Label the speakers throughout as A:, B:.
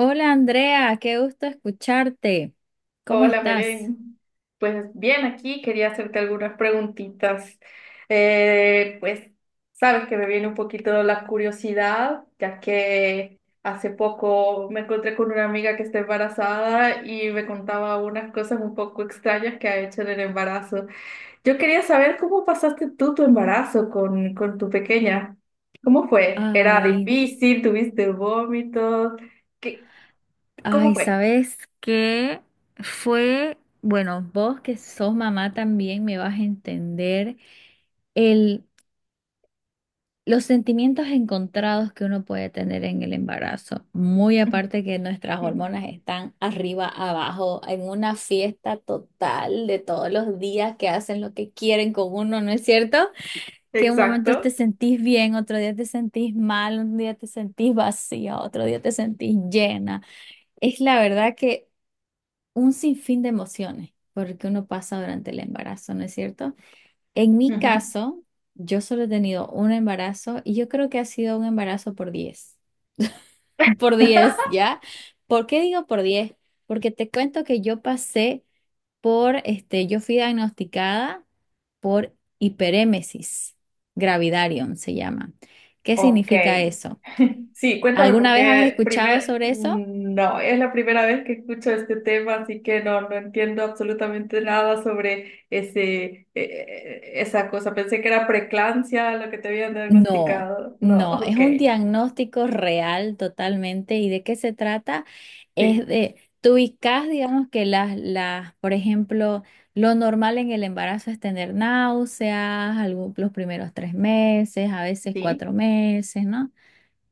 A: Hola Andrea, qué gusto escucharte. ¿Cómo
B: Hola,
A: estás?
B: Belén. Pues bien, aquí quería hacerte algunas preguntitas. Pues sabes que me viene un poquito la curiosidad, ya que hace poco me encontré con una amiga que está embarazada y me contaba unas cosas un poco extrañas que ha hecho en el embarazo. Yo quería saber cómo pasaste tú tu embarazo con tu pequeña. ¿Cómo fue? ¿Era
A: Ay,
B: difícil? ¿Tuviste vómitos? ¿Qué? ¿Cómo
A: ay,
B: fue?
A: ¿sabes qué? Fue, bueno, vos que sos mamá también me vas a entender el, los sentimientos encontrados que uno puede tener en el embarazo. Muy aparte que nuestras hormonas están arriba, abajo, en una fiesta total de todos los días que hacen lo que quieren con uno, ¿no es cierto? Que un momento te
B: Exacto.
A: sentís bien, otro día te sentís mal, un día te sentís vacía, otro día te sentís llena. Es la verdad que un sinfín de emociones, porque uno pasa durante el embarazo, ¿no es cierto? En mi
B: Ujú.
A: caso, yo solo he tenido un embarazo y yo creo que ha sido un embarazo por 10, por 10, ¿ya? ¿Por qué digo por 10? Porque te cuento que yo pasé yo fui diagnosticada por hiperémesis gravidarium, se llama. ¿Qué
B: Ok.
A: significa eso?
B: Sí, cuéntame
A: ¿Alguna vez has
B: porque
A: escuchado sobre eso?
B: no, es la primera vez que escucho este tema, así que no, no entiendo absolutamente nada sobre esa cosa. Pensé que era preeclampsia lo que te habían
A: No,
B: diagnosticado. No,
A: no, es
B: ok.
A: un diagnóstico real totalmente. ¿Y de qué se trata? Es
B: Sí,
A: de, tú ubicas, digamos que por ejemplo, lo normal en el embarazo es tener náuseas, los primeros 3 meses, a veces cuatro
B: sí,
A: meses, ¿no?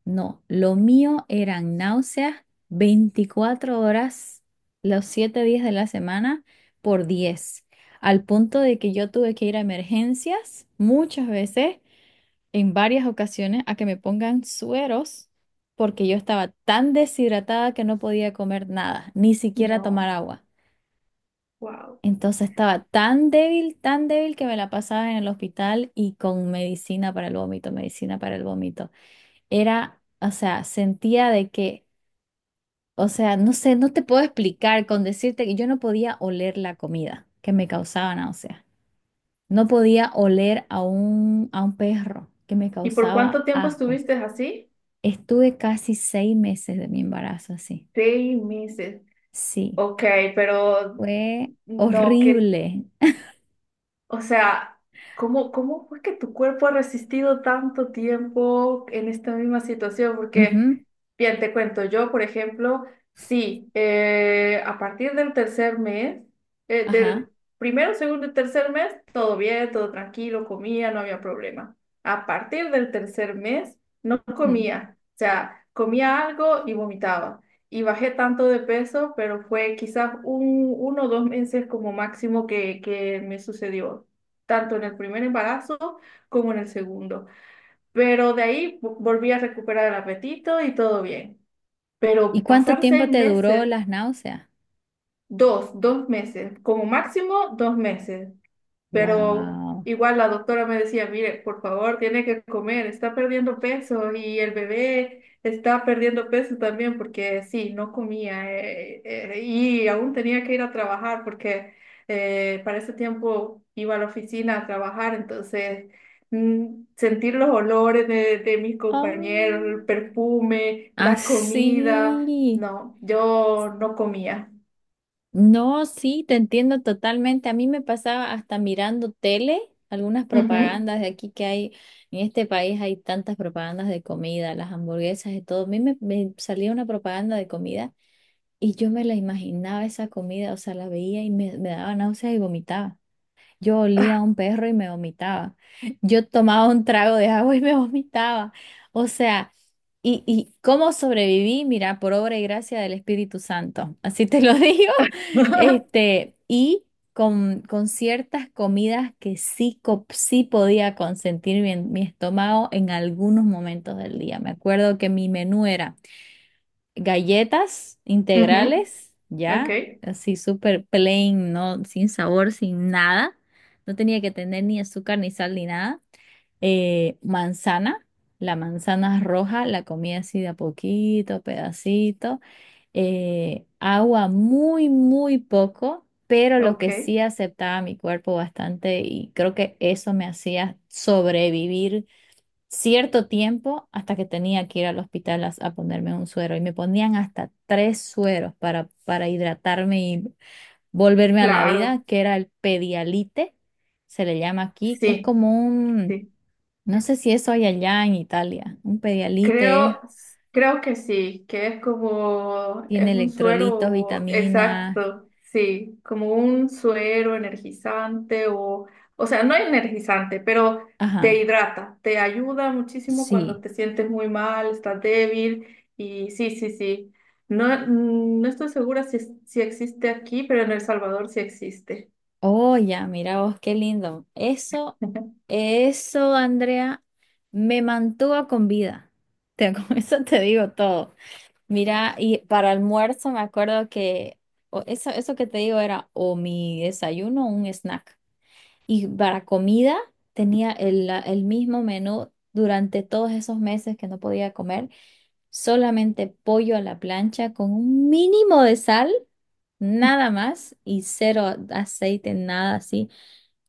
A: No, lo mío eran náuseas 24 horas, los 7 días de la semana por 10, al punto de que yo tuve que ir a emergencias muchas veces, en varias ocasiones, a que me pongan sueros porque yo estaba tan deshidratada que no podía comer nada, ni siquiera tomar
B: no,
A: agua.
B: wow.
A: Entonces estaba tan débil que me la pasaba en el hospital y con medicina para el vómito, medicina para el vómito. Era, o sea, sentía de que. O sea, no sé, no te puedo explicar, con decirte que yo no podía oler la comida que me causaba náusea. No podía oler a un perro que me
B: ¿Y por cuánto
A: causaba
B: tiempo
A: asco.
B: estuviste así?
A: Estuve casi 6 meses de mi embarazo así.
B: 6 meses.
A: Sí,
B: Ok, pero
A: fue
B: no, ¿qué
A: horrible.
B: o sea, ¿cómo, cómo fue que tu cuerpo ha resistido tanto tiempo en esta misma situación? Porque,
A: Ujú.
B: bien, te cuento, yo, por ejemplo, sí, a partir del tercer mes,
A: Ajá.
B: del primero, segundo y tercer mes, todo bien, todo tranquilo, comía, no había problema. A partir del tercer mes, no
A: Ujú.
B: comía. O sea, comía algo y vomitaba y bajé tanto de peso, pero fue quizás 1 o 2 meses como máximo que me sucedió, tanto en el primer embarazo como en el segundo. Pero de ahí volví a recuperar el apetito y todo bien.
A: ¿Y
B: Pero
A: cuánto
B: pasar
A: tiempo
B: seis
A: te duró
B: meses,
A: las náuseas?
B: dos meses, como máximo 2 meses. Pero
A: Wow.
B: igual la doctora me decía, mire, por favor, tiene que comer, está perdiendo peso y el bebé está perdiendo peso también porque sí, no comía y aún tenía que ir a trabajar porque para ese tiempo iba a la oficina a trabajar, entonces sentir los olores de mis compañeros,
A: Oh,
B: el perfume, la comida,
A: así.
B: no, yo no comía.
A: No, sí, te entiendo totalmente. A mí me pasaba hasta mirando tele, algunas
B: Ujú.
A: propagandas de aquí que hay, en este país hay tantas propagandas de comida, las hamburguesas y todo. A mí me salía una propaganda de comida y yo me la imaginaba esa comida, o sea, la veía y me daba náuseas y vomitaba. Yo olía a un perro y me vomitaba. Yo tomaba un trago de agua y me vomitaba. O sea, y cómo sobreviví, mira, por obra y gracia del Espíritu Santo. Así te lo digo. Y con ciertas comidas que sí, sí podía consentir mi estómago en algunos momentos del día. Me acuerdo que mi menú era galletas
B: Ujú,
A: integrales,
B: ok,
A: ya, así súper plain, no, sin sabor, sin nada. No tenía que tener ni azúcar, ni sal, ni nada. Manzana, la manzana roja, la comí así de a poquito, pedacito. Agua muy, muy poco, pero lo que
B: ok.
A: sí aceptaba mi cuerpo bastante y creo que eso me hacía sobrevivir cierto tiempo hasta que tenía que ir al hospital a ponerme un suero y me ponían hasta tres sueros para hidratarme y volverme a la
B: Claro,
A: vida, que era el pedialite, se le llama aquí, es
B: sí,
A: como un,
B: sí.
A: no sé si eso hay allá en Italia, un pedialite
B: Creo, creo que sí, que es como,
A: tiene
B: es un
A: electrolitos,
B: suero,
A: vitaminas,
B: exacto, sí, como un suero energizante o sea, no energizante, pero te
A: ajá,
B: hidrata, te ayuda muchísimo cuando
A: sí.
B: te sientes muy mal, estás débil y sí, sí, sí. No, no estoy segura si existe aquí, pero en El Salvador sí existe.
A: Oh, ya, mira vos, qué lindo. Eso, eso, Andrea, me mantuvo con vida. Con eso te digo todo. Mira, y para almuerzo me acuerdo que o eso que te digo era o mi desayuno o un snack. Y para comida tenía el, el mismo menú durante todos esos meses que no podía comer, solamente pollo a la plancha con un mínimo de sal, nada más, y cero aceite, nada así,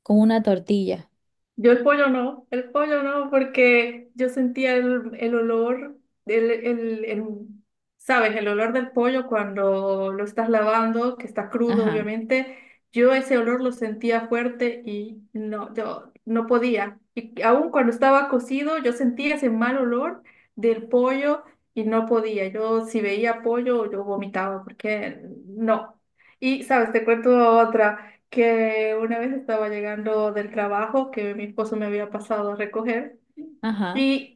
A: con una tortilla.
B: Yo el pollo no, porque yo sentía el olor, el, el, el- ¿sabes? El olor del pollo cuando lo estás lavando, que está crudo,
A: Ajá,
B: obviamente. Yo ese olor lo sentía fuerte y no, yo no podía. Y aún cuando estaba cocido, yo sentía ese mal olor del pollo y no podía. Yo si veía pollo, yo vomitaba, porque no. Y, ¿sabes? Te cuento otra que una vez estaba llegando del trabajo que mi esposo me había pasado a recoger
A: ajá.
B: y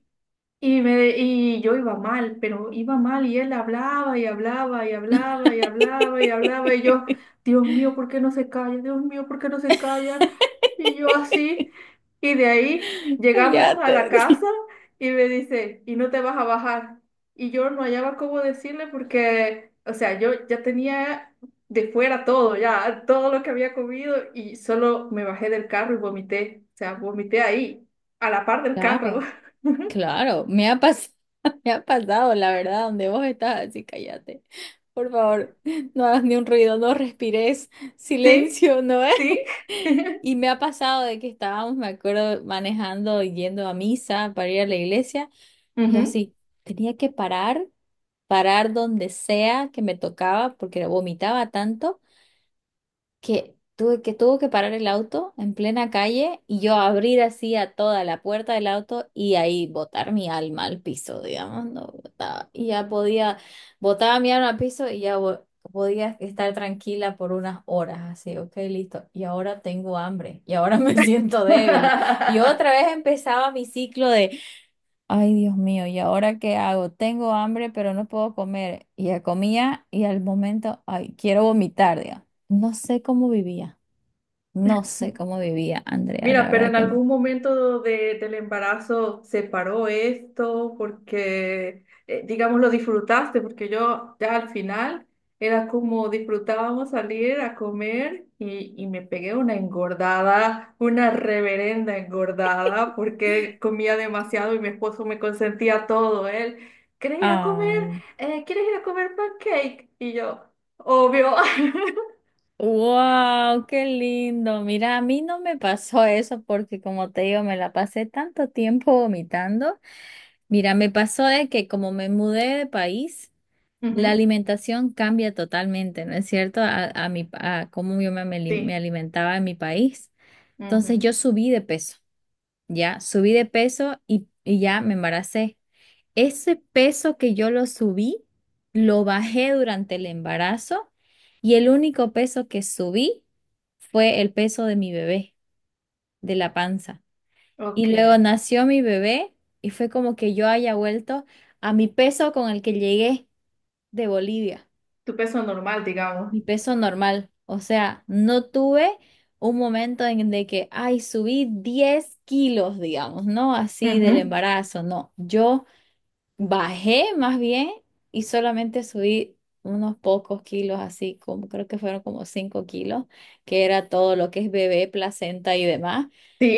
B: y yo iba mal, pero iba mal y él hablaba y hablaba y hablaba y hablaba y hablaba y yo, Dios mío, ¿por qué no se calla? Dios mío, ¿por qué no se calla? Y yo así, y de ahí llegamos a la
A: Cállate.
B: casa y me dice, ¿y no te vas a bajar? Y yo no hallaba cómo decirle porque, o sea, yo ya tenía de fuera todo, ya todo lo que había comido y solo me bajé del carro y vomité, o sea, vomité ahí, a la par del carro.
A: Claro. Claro, me ha pasado, me ha pasado, la verdad, donde vos estás, así cállate. Por favor, no hagas ni un ruido, no respires,
B: Sí,
A: silencio, ¿no es?
B: sí.
A: Y me ha pasado de que estábamos, me acuerdo, manejando, y yendo a misa para ir a la iglesia, y yo
B: Ujú.
A: así, tenía que parar, parar donde sea que me tocaba, porque vomitaba tanto que tuve que tuvo que parar el auto en plena calle y yo abrir así a toda la puerta del auto y ahí botar mi alma al piso, digamos, no botaba. Y ya podía, botaba mi alma al piso y ya podía estar tranquila por unas horas, así, ok, listo. Y ahora tengo hambre y ahora me siento débil. Y otra vez empezaba mi ciclo. Ay, Dios mío, ¿y ahora qué hago? Tengo hambre, pero no puedo comer. Y ya comía y al momento, ay, quiero vomitar, digamos. No sé cómo vivía, no sé cómo vivía, Andrea, la
B: Mira, pero
A: verdad
B: en
A: que.
B: algún momento del embarazo se paró esto porque, digamos, lo disfrutaste, porque yo ya al final era como disfrutábamos salir a comer y me pegué una engordada, una reverenda engordada, porque comía demasiado y mi esposo me consentía todo. Él, ¿quieres ir a comer?
A: Ay,
B: ¿Quieres ir a comer pancake? Y yo, obvio.
A: wow, qué lindo. Mira, a mí no me pasó eso porque como te digo, me la pasé tanto tiempo vomitando. Mira, me pasó de que como me mudé de país, la
B: Ujú,
A: alimentación cambia totalmente, ¿no es cierto? A mi, a cómo yo me
B: sí.
A: alimentaba en mi país. Entonces
B: Ujú,
A: yo subí de peso, ya, subí de peso y ya me embaracé. Ese peso que yo lo subí, lo bajé durante el embarazo y el único peso que subí fue el peso de mi bebé, de la panza. Y
B: ok.
A: luego nació mi bebé y fue como que yo haya vuelto a mi peso con el que llegué de Bolivia.
B: Tu peso normal, digamos.
A: Mi peso normal. O sea, no tuve un momento en de que, ay, subí 10 kilos, digamos, no así del
B: Ujú,
A: embarazo, no. Yo bajé más bien y solamente subí unos pocos kilos, así como creo que fueron como 5 kilos, que era todo lo que es bebé, placenta y demás.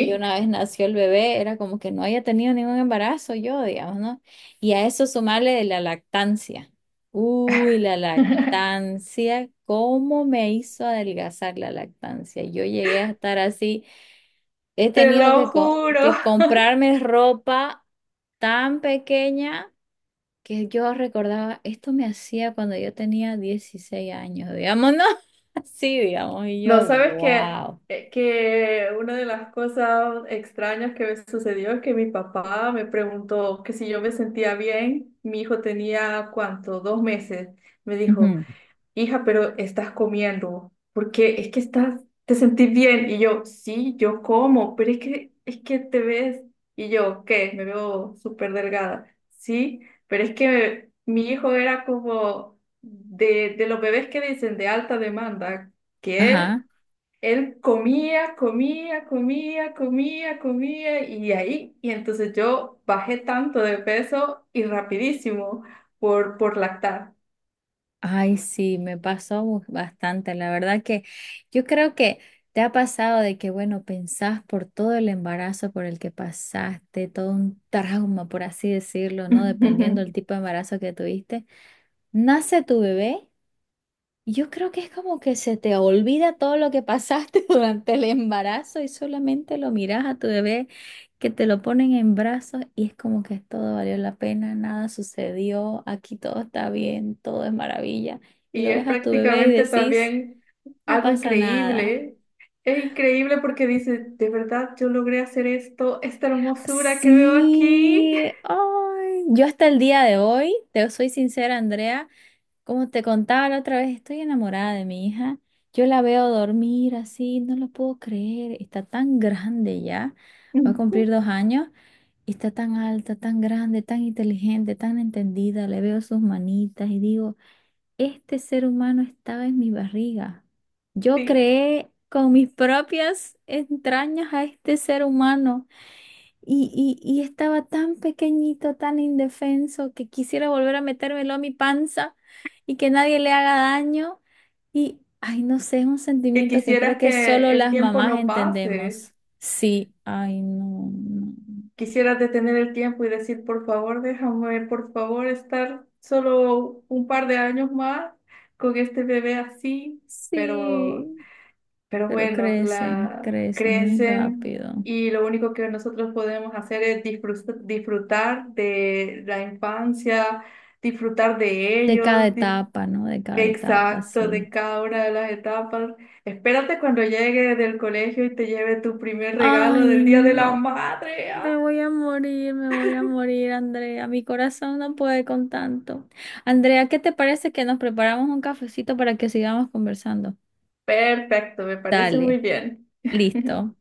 A: Y una vez nació el bebé, era como que no haya tenido ningún embarazo yo, digamos, ¿no? Y a eso sumarle de la lactancia. Uy, la lactancia, ¿cómo me hizo adelgazar la lactancia? Yo llegué a estar así, he
B: Te
A: tenido
B: lo
A: que,
B: juro.
A: que comprarme ropa tan pequeña que yo recordaba, esto me hacía cuando yo tenía 16 años, digamos, ¿no? Así, digamos, y
B: No,
A: yo,
B: sabes que,
A: wow.
B: eh, que una de las cosas extrañas que me sucedió es que mi papá me preguntó que si yo me sentía bien. Mi hijo tenía, ¿cuánto? 2 meses. Me dijo,
A: Ujú.
B: hija, pero estás comiendo, porque es que estás, te sentís bien. Y yo, sí, yo como, pero es que te ves. Y yo, ¿qué? Me veo súper delgada. Sí, pero es que mi hijo era como de los bebés que dicen de alta demanda, que él,
A: Ajá.
B: él comía, comía, comía, comía, comía, y ahí, y entonces yo bajé tanto de peso y rapidísimo por lactar.
A: Ay, sí, me pasó bastante. La verdad que yo creo que te ha pasado de que, bueno, pensás por todo el embarazo por el que pasaste, todo un trauma, por así decirlo, ¿no? Dependiendo del tipo de embarazo que tuviste. Nace tu bebé. Yo creo que es como que se te olvida todo lo que pasaste durante el embarazo y solamente lo miras a tu bebé que te lo ponen en brazos y es como que todo valió la pena, nada sucedió, aquí todo está bien, todo es maravilla. Y
B: Y
A: lo
B: es
A: ves a tu bebé y
B: prácticamente
A: decís,
B: también
A: no
B: algo
A: pasa nada.
B: increíble. Es increíble porque dice, de verdad yo logré hacer esto, esta hermosura que veo aquí.
A: Sí, ay, yo hasta el día de hoy, te soy sincera, Andrea. Como te contaba la otra vez, estoy enamorada de mi hija. Yo la veo dormir así, no lo puedo creer. Está tan grande ya, va a cumplir 2 años y está tan alta, tan grande, tan inteligente, tan entendida. Le veo sus manitas y digo, este ser humano estaba en mi barriga. Yo
B: Sí,
A: creé con mis propias entrañas a este ser humano. Y, y estaba tan pequeñito, tan indefenso, que quisiera volver a metérmelo a mi panza y que nadie le haga daño. Y, ay, no sé, es un
B: que
A: sentimiento que creo
B: quisieras
A: que solo
B: que el
A: las
B: tiempo
A: mamás
B: no pase.
A: entendemos. Sí, ay, no, no.
B: Quisieras detener el tiempo y decir, por favor, déjame, por favor, estar solo un par de años más con este bebé así. Pero
A: Sí,
B: Pero
A: pero
B: bueno,
A: crecen,
B: la
A: crecen muy
B: crecen
A: rápido.
B: y lo único que nosotros podemos hacer es disfrutar de la infancia, disfrutar de
A: De cada
B: ellos,
A: etapa, ¿no? De cada etapa,
B: exacto, de
A: sí.
B: cada una de las etapas. Espérate cuando llegue del colegio y te lleve tu primer regalo
A: Ay,
B: del Día de la
A: no.
B: Madre.
A: Me
B: ¡Ah!
A: voy a morir, me voy a morir, Andrea. Mi corazón no puede con tanto. Andrea, ¿qué te parece que nos preparamos un cafecito para que sigamos conversando?
B: Perfecto, me parece muy
A: Dale,
B: bien.
A: listo.